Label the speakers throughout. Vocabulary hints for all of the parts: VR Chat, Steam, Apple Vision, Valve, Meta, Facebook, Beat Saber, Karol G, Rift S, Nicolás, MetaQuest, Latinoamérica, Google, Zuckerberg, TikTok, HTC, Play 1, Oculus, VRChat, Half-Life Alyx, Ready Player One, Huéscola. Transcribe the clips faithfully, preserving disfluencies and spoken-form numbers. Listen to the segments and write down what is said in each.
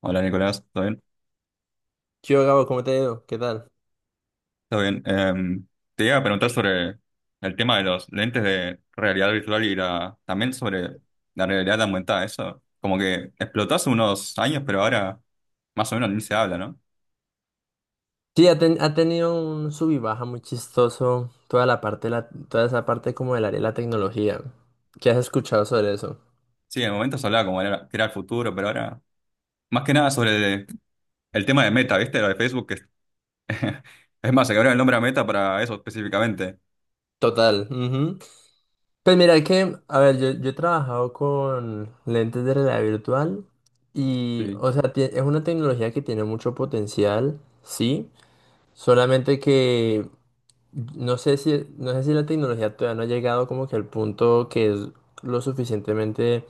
Speaker 1: Hola Nicolás, ¿todo bien?
Speaker 2: ¿Yo, Gabo? ¿Cómo te ha ido? ¿Qué tal?
Speaker 1: ¿Todo bien? Em, te iba a preguntar sobre el tema de los lentes de realidad virtual y la, también sobre la realidad aumentada. Eso como que explotó hace unos años, pero ahora más o menos ni se habla, ¿no?
Speaker 2: Sí, ha, ten- ha tenido un sub y baja muy chistoso toda la parte, de la, toda esa parte como del área de la tecnología. ¿Qué has escuchado sobre eso?
Speaker 1: Sí, en el momento se hablaba como era, que era el futuro, pero ahora más que nada sobre el, el tema de Meta, ¿viste? Lo de Facebook, que es, más, se cambiaron el nombre a Meta para eso específicamente.
Speaker 2: Total. Ujú. Pues mira que, a ver, yo, yo he trabajado con lentes de realidad virtual y,
Speaker 1: Sí.
Speaker 2: o sea, tie- es una tecnología que tiene mucho potencial, sí, solamente que no sé si, no sé si la tecnología todavía no ha llegado como que al punto que es lo suficientemente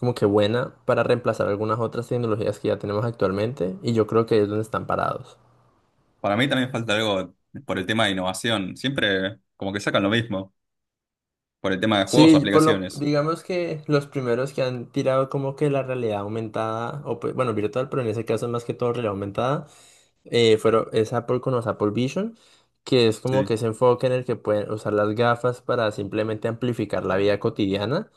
Speaker 2: como que buena para reemplazar algunas otras tecnologías que ya tenemos actualmente, y yo creo que ahí es donde están parados.
Speaker 1: Para mí también falta algo por el tema de innovación, siempre como que sacan lo mismo, por el tema de juegos o
Speaker 2: Sí, por lo,
Speaker 1: aplicaciones.
Speaker 2: digamos que los primeros que han tirado como que la realidad aumentada, o pues, bueno, virtual, pero en ese caso más que todo realidad aumentada, eh, fueron, es Apple con los Apple Vision, que es como que
Speaker 1: Sí,
Speaker 2: ese enfoque en el que pueden usar las gafas para simplemente amplificar la vida cotidiana.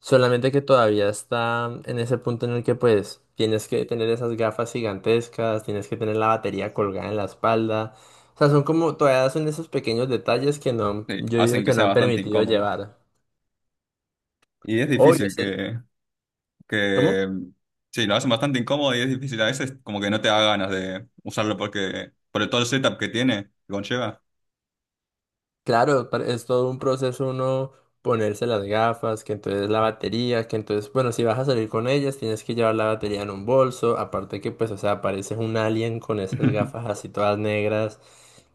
Speaker 2: Solamente que todavía está en ese punto en el que pues tienes que tener esas gafas gigantescas, tienes que tener la batería colgada en la espalda. O sea, son como todavía son esos pequeños detalles que no,
Speaker 1: sí,
Speaker 2: yo digo
Speaker 1: hacen que
Speaker 2: que no
Speaker 1: sea
Speaker 2: han
Speaker 1: bastante
Speaker 2: permitido
Speaker 1: incómodo.
Speaker 2: llevar.
Speaker 1: Y es
Speaker 2: Obvio,
Speaker 1: difícil
Speaker 2: sé-
Speaker 1: que,
Speaker 2: ¿cómo?
Speaker 1: que, mm, sí, lo hacen bastante incómodo y es difícil. A veces como que no te da ganas de usarlo porque, por todo el setup que tiene, que conlleva.
Speaker 2: Claro, pa- es todo un proceso uno ponerse las gafas, que entonces la batería, que entonces, bueno, si vas a salir con ellas, tienes que llevar la batería en un bolso, aparte que pues, o sea, pareces un alien con esas gafas así todas negras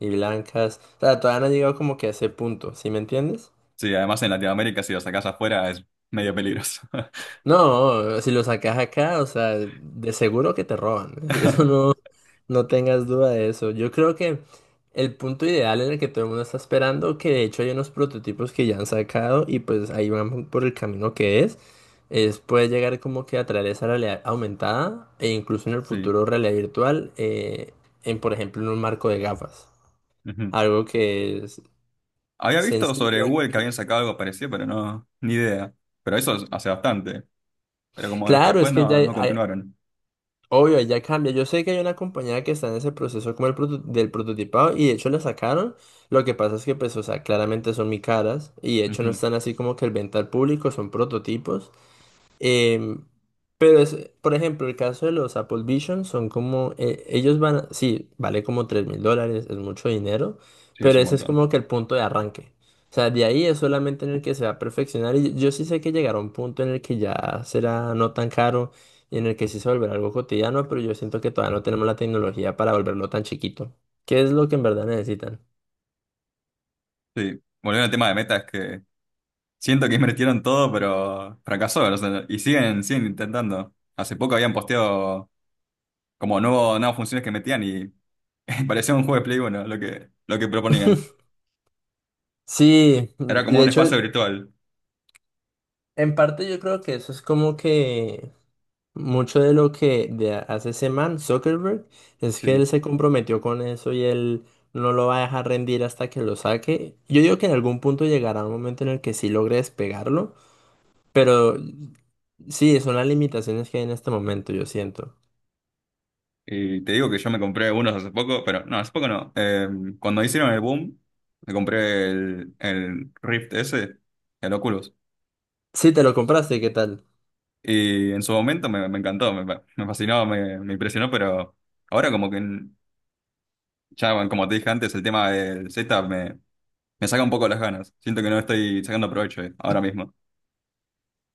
Speaker 2: y blancas. O sea, todavía no han llegado como que a ese punto, ¿sí me entiendes?
Speaker 1: Sí, además en Latinoamérica si lo sacás afuera es medio peligroso.
Speaker 2: No, si lo sacas acá, o sea, de seguro que te roban. Eso no, no tengas duda de eso. Yo creo que el punto ideal en el que todo el mundo está esperando, que de hecho hay unos prototipos que ya han sacado y pues ahí van por el camino que es, es puede llegar como que a traer esa realidad aumentada e incluso en el
Speaker 1: Sí.
Speaker 2: futuro realidad virtual, eh, en, por ejemplo, en un marco de gafas.
Speaker 1: Ujú.
Speaker 2: Algo que es
Speaker 1: Había visto sobre
Speaker 2: sencillo.
Speaker 1: Google que habían
Speaker 2: que-
Speaker 1: sacado algo parecido, pero no, ni idea. Pero eso es- hace bastante. Pero como es que
Speaker 2: Claro,
Speaker 1: después
Speaker 2: es que ya
Speaker 1: no, no
Speaker 2: hay,
Speaker 1: continuaron.
Speaker 2: obvio, ya cambia. Yo sé que hay una compañía que está en ese proceso como el proto- del prototipado y de hecho la sacaron. Lo que pasa es que pues, o sea, claramente son muy caras y de hecho no
Speaker 1: Ujú.
Speaker 2: están así como que el venta al público, son prototipos. Em, pero, es, por ejemplo, el caso de los Apple Vision son como, eh, ellos van, a- sí, vale como tres mil dólares, es mucho dinero,
Speaker 1: Sí, es
Speaker 2: pero
Speaker 1: un
Speaker 2: ese es
Speaker 1: montón.
Speaker 2: como que el punto de arranque. O sea, de ahí es solamente en el que se va a perfeccionar y yo sí sé que llegará un punto en el que ya será no tan caro y en el que sí se volverá algo cotidiano, pero yo siento que todavía no tenemos la tecnología para volverlo tan chiquito. ¿Qué es lo que en verdad necesitan?
Speaker 1: Sí. Volviendo al tema de Meta, es que siento que invirtieron todo, pero fracasó. O sea, y siguen, siguen intentando. Hace poco habían posteado como nuevo, nuevas funciones que metían y parecía un juego de Play uno lo que, lo que proponían.
Speaker 2: Sí,
Speaker 1: Era como
Speaker 2: de
Speaker 1: un espacio
Speaker 2: hecho,
Speaker 1: virtual.
Speaker 2: en parte yo creo que eso es como que... Mucho de lo que de hace ese man, Zuckerberg, es que él
Speaker 1: Sí.
Speaker 2: se comprometió con eso y él no lo va a dejar rendir hasta que lo saque. Yo digo que en algún punto llegará un momento en el que sí logre despegarlo, pero sí, son las limitaciones que hay en este momento, yo siento.
Speaker 1: Y te digo que yo me compré unos hace poco, pero no, hace poco no. Eh, cuando hicieron el boom, me compré el, el Rift S, el Oculus.
Speaker 2: Sí, te lo compraste, ¿qué tal?
Speaker 1: Y en su momento me, me encantó, me, me fascinó, me, me impresionó, pero ahora como que ya, bueno, como te dije antes, el tema del setup me saca un poco las ganas. Siento que no estoy sacando provecho eh, ahora mismo.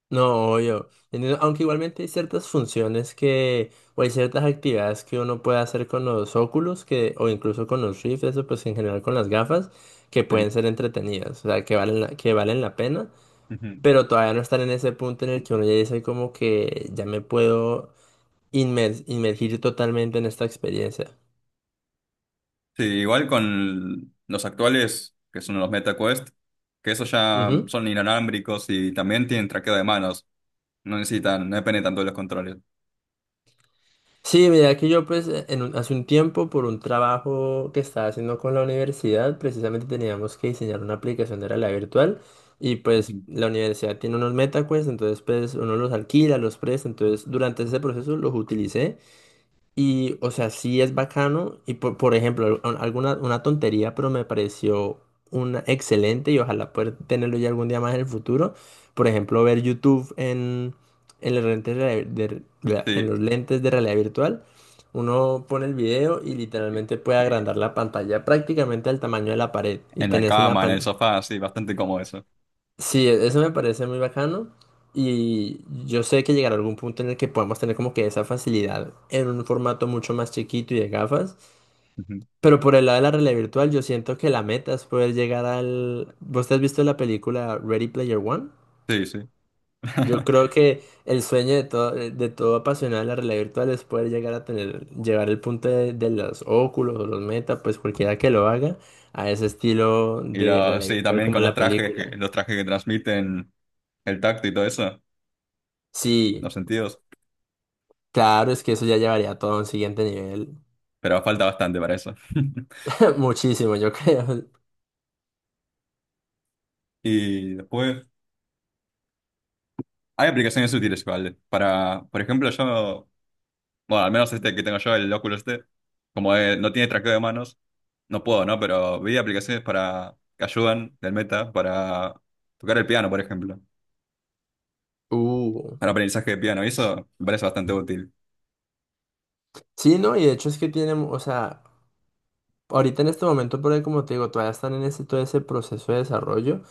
Speaker 2: No, obvio. Entiendo. Aunque igualmente hay ciertas funciones que, o hay ciertas actividades que uno puede hacer con los óculos, que, o incluso con los Rift, eso pues en general con las gafas, que
Speaker 1: Sí.
Speaker 2: pueden ser entretenidas, o sea, que valen la, que valen la pena,
Speaker 1: Ujú.
Speaker 2: pero todavía no están en ese punto en el que uno ya dice como que ya me puedo inmer- inmergir totalmente en esta experiencia.
Speaker 1: Sí, igual con los actuales, que son los MetaQuest, que esos ya
Speaker 2: Ujú.
Speaker 1: son inalámbricos y también tienen traqueo de manos. No necesitan, no dependen tanto de los controles.
Speaker 2: Sí, mira que yo pues e, en un- hace un tiempo por un trabajo que estaba haciendo con la universidad, precisamente teníamos que diseñar una aplicación de realidad virtual y pues
Speaker 1: Ujú.
Speaker 2: la universidad tiene unos MetaQuest, entonces pues uno los alquila, los presta, entonces durante ese proceso los utilicé y, o sea, sí es bacano. Y, por, por ejemplo, al- alguna una tontería, pero me pareció una excelente y ojalá poder tenerlo ya algún día más en el futuro. Por ejemplo, ver YouTube en, en los lentes de, de- de- en
Speaker 1: Sí.
Speaker 2: los lentes de realidad virtual. Uno pone el video y literalmente puede
Speaker 1: Eh,
Speaker 2: agrandar la pantalla prácticamente al tamaño de la pared. Y
Speaker 1: En la
Speaker 2: tenés una
Speaker 1: cama, en el
Speaker 2: pantalla.
Speaker 1: sofá, sí, bastante cómodo eso.
Speaker 2: Sí, e- eso me parece muy bacano y yo sé que llegará algún punto en el que podamos tener como que esa facilidad en un formato mucho más chiquito y de gafas,
Speaker 1: Ujú.
Speaker 2: pero por el lado de la realidad virtual yo siento que la meta es poder llegar al... ¿Vos te has visto la película Ready Player One?
Speaker 1: Sí, sí.
Speaker 2: Yo creo que el sueño de todo, de todo, apasionado de la realidad virtual es poder llegar a tener, llevar el punto de, de los óculos o los meta, pues cualquiera que lo haga, a ese estilo
Speaker 1: Y
Speaker 2: de
Speaker 1: lo,
Speaker 2: realidad
Speaker 1: sí,
Speaker 2: virtual
Speaker 1: también
Speaker 2: como
Speaker 1: con
Speaker 2: en
Speaker 1: los
Speaker 2: la
Speaker 1: trajes, que,
Speaker 2: película.
Speaker 1: los trajes que transmiten el tacto y todo eso,
Speaker 2: Sí.
Speaker 1: los sentidos,
Speaker 2: Claro, es que eso ya llevaría todo a un siguiente nivel.
Speaker 1: pero falta bastante para eso.
Speaker 2: Muchísimo, yo creo.
Speaker 1: Y después, hay aplicaciones útiles igual. Para, por ejemplo, yo, bueno, al menos este que tengo yo, el Oculus este, como eh, no tiene traqueo de manos, no puedo, ¿no? Pero vi aplicaciones para que ayudan del Meta para tocar el piano, por ejemplo,
Speaker 2: Uh.
Speaker 1: para aprendizaje de piano. Y eso me parece bastante útil.
Speaker 2: Sí, no, y de hecho es que tienen, o sea, ahorita en este momento, por ahí, como te digo, todavía están en ese, todo ese proceso de desarrollo,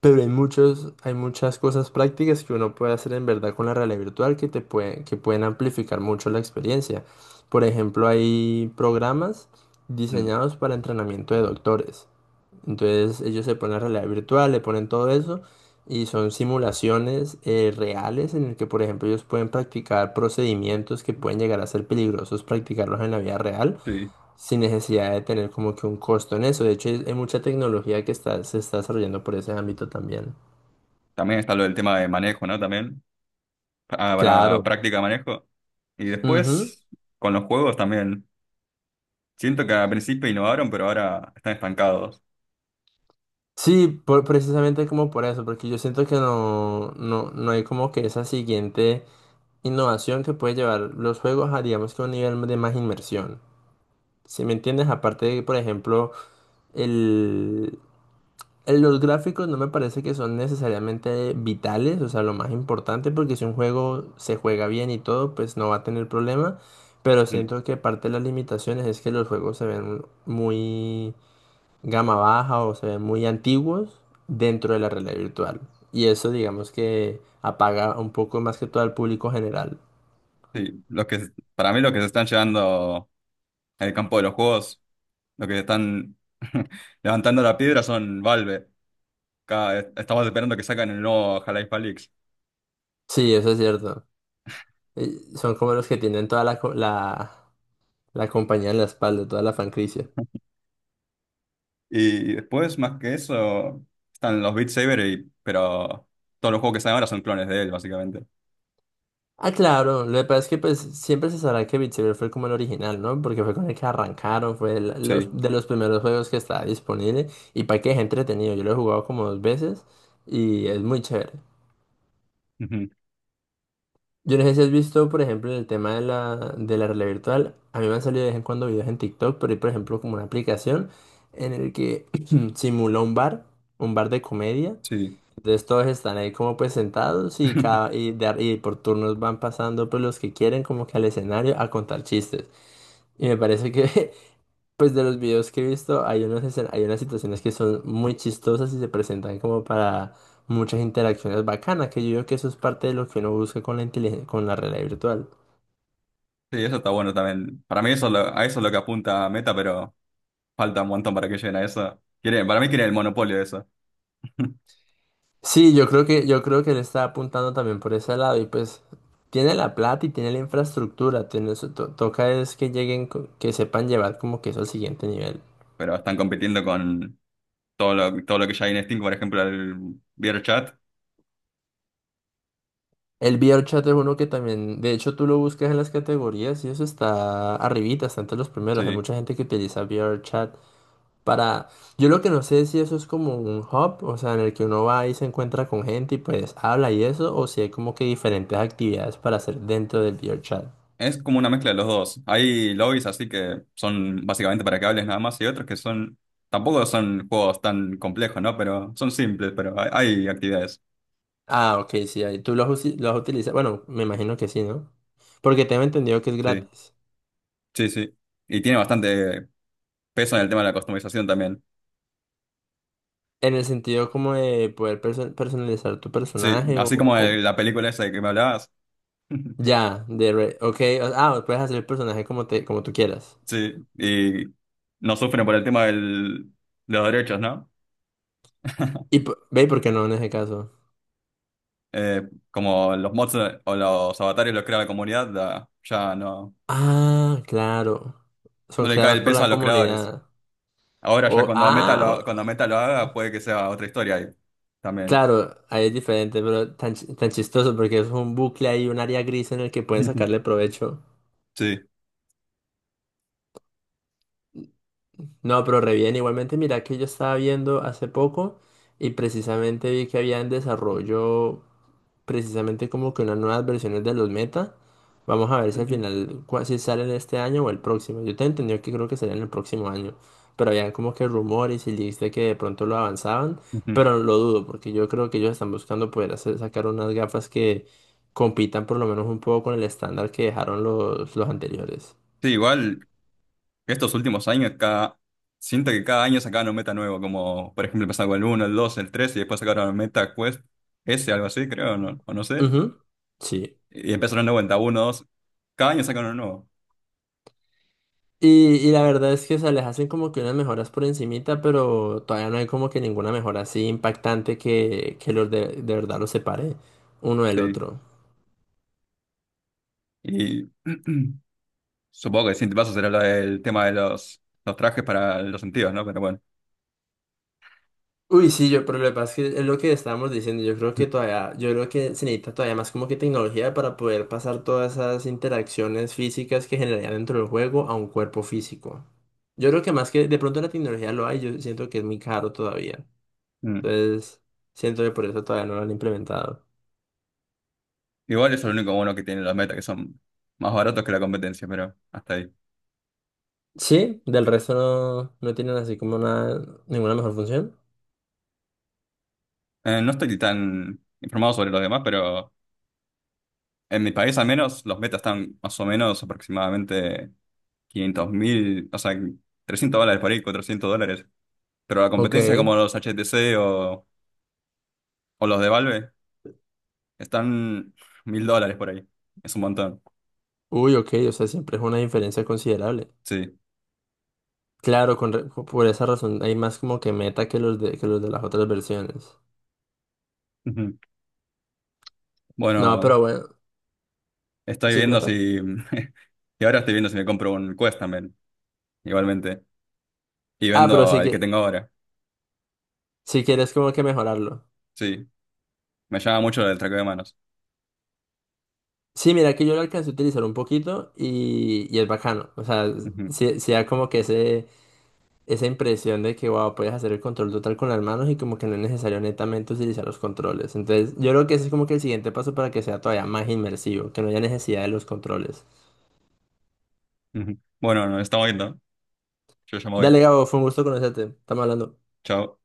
Speaker 2: pero hay muchos, hay muchas cosas prácticas que uno puede hacer en verdad con la realidad virtual que te pueden, que pueden amplificar mucho la experiencia. Por ejemplo, hay programas
Speaker 1: Mm.
Speaker 2: diseñados para entrenamiento de doctores. Entonces ellos se ponen la realidad virtual, le ponen todo eso y son simulaciones eh, reales en el que, por ejemplo, ellos pueden practicar procedimientos que pueden llegar a ser peligrosos practicarlos en la vida real
Speaker 1: Sí.
Speaker 2: sin necesidad de tener como que un costo en eso. De hecho, hay, hay mucha tecnología que está, se está desarrollando por ese ámbito también.
Speaker 1: También está lo del tema de manejo, ¿no? También ah, para
Speaker 2: Claro.
Speaker 1: práctica de manejo. Y
Speaker 2: Ujú.
Speaker 1: después, con los juegos también. Siento que al principio innovaron, pero ahora están estancados.
Speaker 2: Sí, por- precisamente como por eso, porque yo siento que no, no, no hay como que esa siguiente innovación que puede llevar los juegos a, digamos que un nivel de más inmersión. Si me entiendes, aparte de que, por ejemplo, el, el- los gráficos no me parece que son necesariamente vitales, o sea, lo más importante, porque si un juego se juega bien y todo, pues no va a tener problema, pero
Speaker 1: Mm.
Speaker 2: siento que parte de las limitaciones es que los juegos se ven muy gama baja o se ven muy antiguos dentro de la realidad virtual. Y eso, digamos que apaga un poco más que todo al público general.
Speaker 1: Sí. Los que, para mí, los que se están llevando el campo de los juegos, lo que están levantando la piedra son Valve. Cada- estamos esperando que saquen el nuevo Half-Life Alyx.
Speaker 2: Sí, eso es cierto. Eh, Son como los que tienen toda la, co- la, La compañía en la espalda, toda la franquicia.
Speaker 1: Y después, más que eso, están los Beat Saber, y- pero todos los juegos que salen ahora son clones de él, básicamente.
Speaker 2: Ah, claro, lo que pasa es que pues siempre se sabrá que Beat Saber fue como el original, ¿no? Porque fue con el que arrancaron, fue el- los,
Speaker 1: Sí,
Speaker 2: de los primeros juegos que estaba disponible y para que es entretenido. Yo lo he jugado como dos veces y es muy chévere.
Speaker 1: ujú.
Speaker 2: Yo no sé si has visto, por ejemplo, el tema de la, de la realidad virtual. A mí me han salido de vez en cuando videos en TikTok, pero hay, por ejemplo, como una aplicación en el que simula un bar, un bar de comedia.
Speaker 1: Sí.
Speaker 2: Entonces todos están ahí como pues sentados y, cada, y, de ar- y por turnos van pasando pues los que quieren como que al escenario a contar chistes. Y me parece que pues de los videos que he visto hay unos escen- hay unas situaciones que son muy chistosas y se presentan como para muchas interacciones bacanas, que yo creo que eso es parte de lo que uno busca con la inteligen- con la realidad virtual.
Speaker 1: Sí, eso está bueno también. Para mí eso es lo- a eso es lo que apunta Meta, pero falta un montón para que lleguen a eso. Quieren, para mí quieren el monopolio de eso.
Speaker 2: Sí, yo creo que yo creo que él está apuntando también por ese lado y pues tiene la plata y tiene la infraestructura, tiene, su- to- toca es que lleguen, co- que sepan llevar como que eso al siguiente nivel.
Speaker 1: Pero están compitiendo con todo lo, todo lo que ya hay en Steam, por ejemplo, el VRChat.
Speaker 2: El V R chat es uno que también, de hecho tú lo buscas en las categorías y eso está arribita, está entre los primeros. Hay
Speaker 1: Sí.
Speaker 2: mucha gente que utiliza V R chat para... Yo lo que no sé es si eso es como un hub, o sea, en el que uno va y se encuentra con gente y pues habla y eso, o si hay como que diferentes actividades para hacer dentro del V R chat.
Speaker 1: Es como una mezcla de los dos. Hay lobbies así que son básicamente para que hables nada más y otros que son, tampoco son juegos tan complejos, ¿no? Pero son simples, pero hay, hay actividades.
Speaker 2: Ah, ok, sí, ahí tú lo has, usi- lo has utilizado. Bueno, me imagino que sí, ¿no? Porque tengo entendido que es
Speaker 1: Sí,
Speaker 2: gratis.
Speaker 1: sí, sí. Y tiene bastante peso en el tema de la customización también.
Speaker 2: En el sentido como de poder perso- personalizar tu
Speaker 1: Sí,
Speaker 2: personaje o,
Speaker 1: así como el- la película esa de que me hablabas.
Speaker 2: Ya, de re- ok, o- ah, puedes hacer el personaje como te, como tú quieras.
Speaker 1: Sí, y no sufren por el tema del, de los derechos, ¿no?
Speaker 2: Y p- ve por qué no en ese caso.
Speaker 1: Eh, Como los mods o los avatares los crea la comunidad, la- ya no,
Speaker 2: Ah, claro.
Speaker 1: no
Speaker 2: Son
Speaker 1: le cae
Speaker 2: creados
Speaker 1: el
Speaker 2: por
Speaker 1: peso
Speaker 2: la
Speaker 1: a los creadores.
Speaker 2: comunidad.
Speaker 1: Ahora ya
Speaker 2: O,
Speaker 1: cuando Meta
Speaker 2: ah,
Speaker 1: lo,
Speaker 2: o-
Speaker 1: cuando Meta lo haga, puede que sea otra historia ahí también.
Speaker 2: claro, ahí es diferente, pero tan, chi- tan chistoso porque es un bucle ahí, un área gris en el que pueden sacarle provecho.
Speaker 1: Sí.
Speaker 2: No, pero re bien. Igualmente, mira que yo estaba viendo hace poco y precisamente vi que había en desarrollo, precisamente como que unas nuevas versiones de los meta. Vamos a ver si al final, cua- si salen este año o el próximo. Yo te entendí que creo que salen el próximo año, pero habían como que rumores y leaks de que de pronto lo avanzaban,
Speaker 1: Ujú.
Speaker 2: pero lo dudo, porque yo creo que ellos están buscando poder hacer, sacar unas gafas que compitan por lo menos un poco con el estándar que dejaron los, los, anteriores.
Speaker 1: Sí, igual estos últimos años, cada, siento que cada año sacaban un meta nuevo, como por ejemplo empezaron con el uno el dos el tres y después sacaron el Meta Quest S, algo así, creo, no, o no sé.
Speaker 2: Ujú. Sí.
Speaker 1: Y empezaron de vuelta, uno dos. Cada año sacaron uno nuevo,
Speaker 2: Y, y la verdad es que, o sea, les hacen como que unas mejoras por encimita, pero todavía no hay como que ninguna mejora así impactante que, que los de, de verdad los separe uno del
Speaker 1: sí.
Speaker 2: otro.
Speaker 1: Y supongo que el siguiente paso será lo del tema de los, los trajes para los sentidos, ¿no? Pero bueno.
Speaker 2: Uy, sí, yo, pero lo que pasa es que es lo que estábamos diciendo, yo creo que todavía, yo creo que se necesita todavía más como que tecnología para poder pasar todas esas interacciones físicas que generarían dentro del juego a un cuerpo físico. Yo creo que más que de pronto la tecnología lo hay, yo siento que es muy caro todavía. Entonces, siento que por eso todavía no lo han implementado.
Speaker 1: Igual eso es lo único bueno que tienen los meta, que son más baratos que la competencia, pero hasta ahí.
Speaker 2: Sí, del resto no, no tienen así como una, ninguna mejor función.
Speaker 1: Eh, no estoy tan informado sobre los demás, pero en mi país al menos los metas están más o menos aproximadamente quinientos mil, o sea, trescientos dólares por ahí, cuatrocientos dólares. Pero la
Speaker 2: Ok.
Speaker 1: competencia como los H T C o, o los de Valve están mil dólares por ahí. Es un montón,
Speaker 2: Uy, ok, o sea, siempre es una diferencia considerable.
Speaker 1: sí.
Speaker 2: Claro, con re- por esa razón hay más como que meta que los de, que los de las otras versiones.
Speaker 1: Ujú.
Speaker 2: No,
Speaker 1: Bueno,
Speaker 2: pero bueno,
Speaker 1: estoy
Speaker 2: ¿sí
Speaker 1: viendo
Speaker 2: cuenta?
Speaker 1: si... Y ahora estoy viendo si me compro un Quest también, igualmente. Y
Speaker 2: Ah, pero
Speaker 1: vendo
Speaker 2: sí
Speaker 1: el que
Speaker 2: que,
Speaker 1: tengo ahora.
Speaker 2: si quieres como que mejorarlo.
Speaker 1: Sí, me llama mucho el traqueo de manos.
Speaker 2: Sí, mira que yo lo alcancé a utilizar un poquito y, y es bacano. O sea,
Speaker 1: Ujú,
Speaker 2: sí, sí da como que ese... esa impresión de que, wow, puedes hacer el control total con las manos y como que no es necesario netamente utilizar los controles. Entonces, yo creo que ese es como que el siguiente paso para que sea todavía más inmersivo, que no haya necesidad de los controles.
Speaker 1: ujú. Bueno, nos estamos viendo. Yo ya me voy.
Speaker 2: Dale, Gabo, fue un gusto conocerte. Estamos hablando.
Speaker 1: Chao.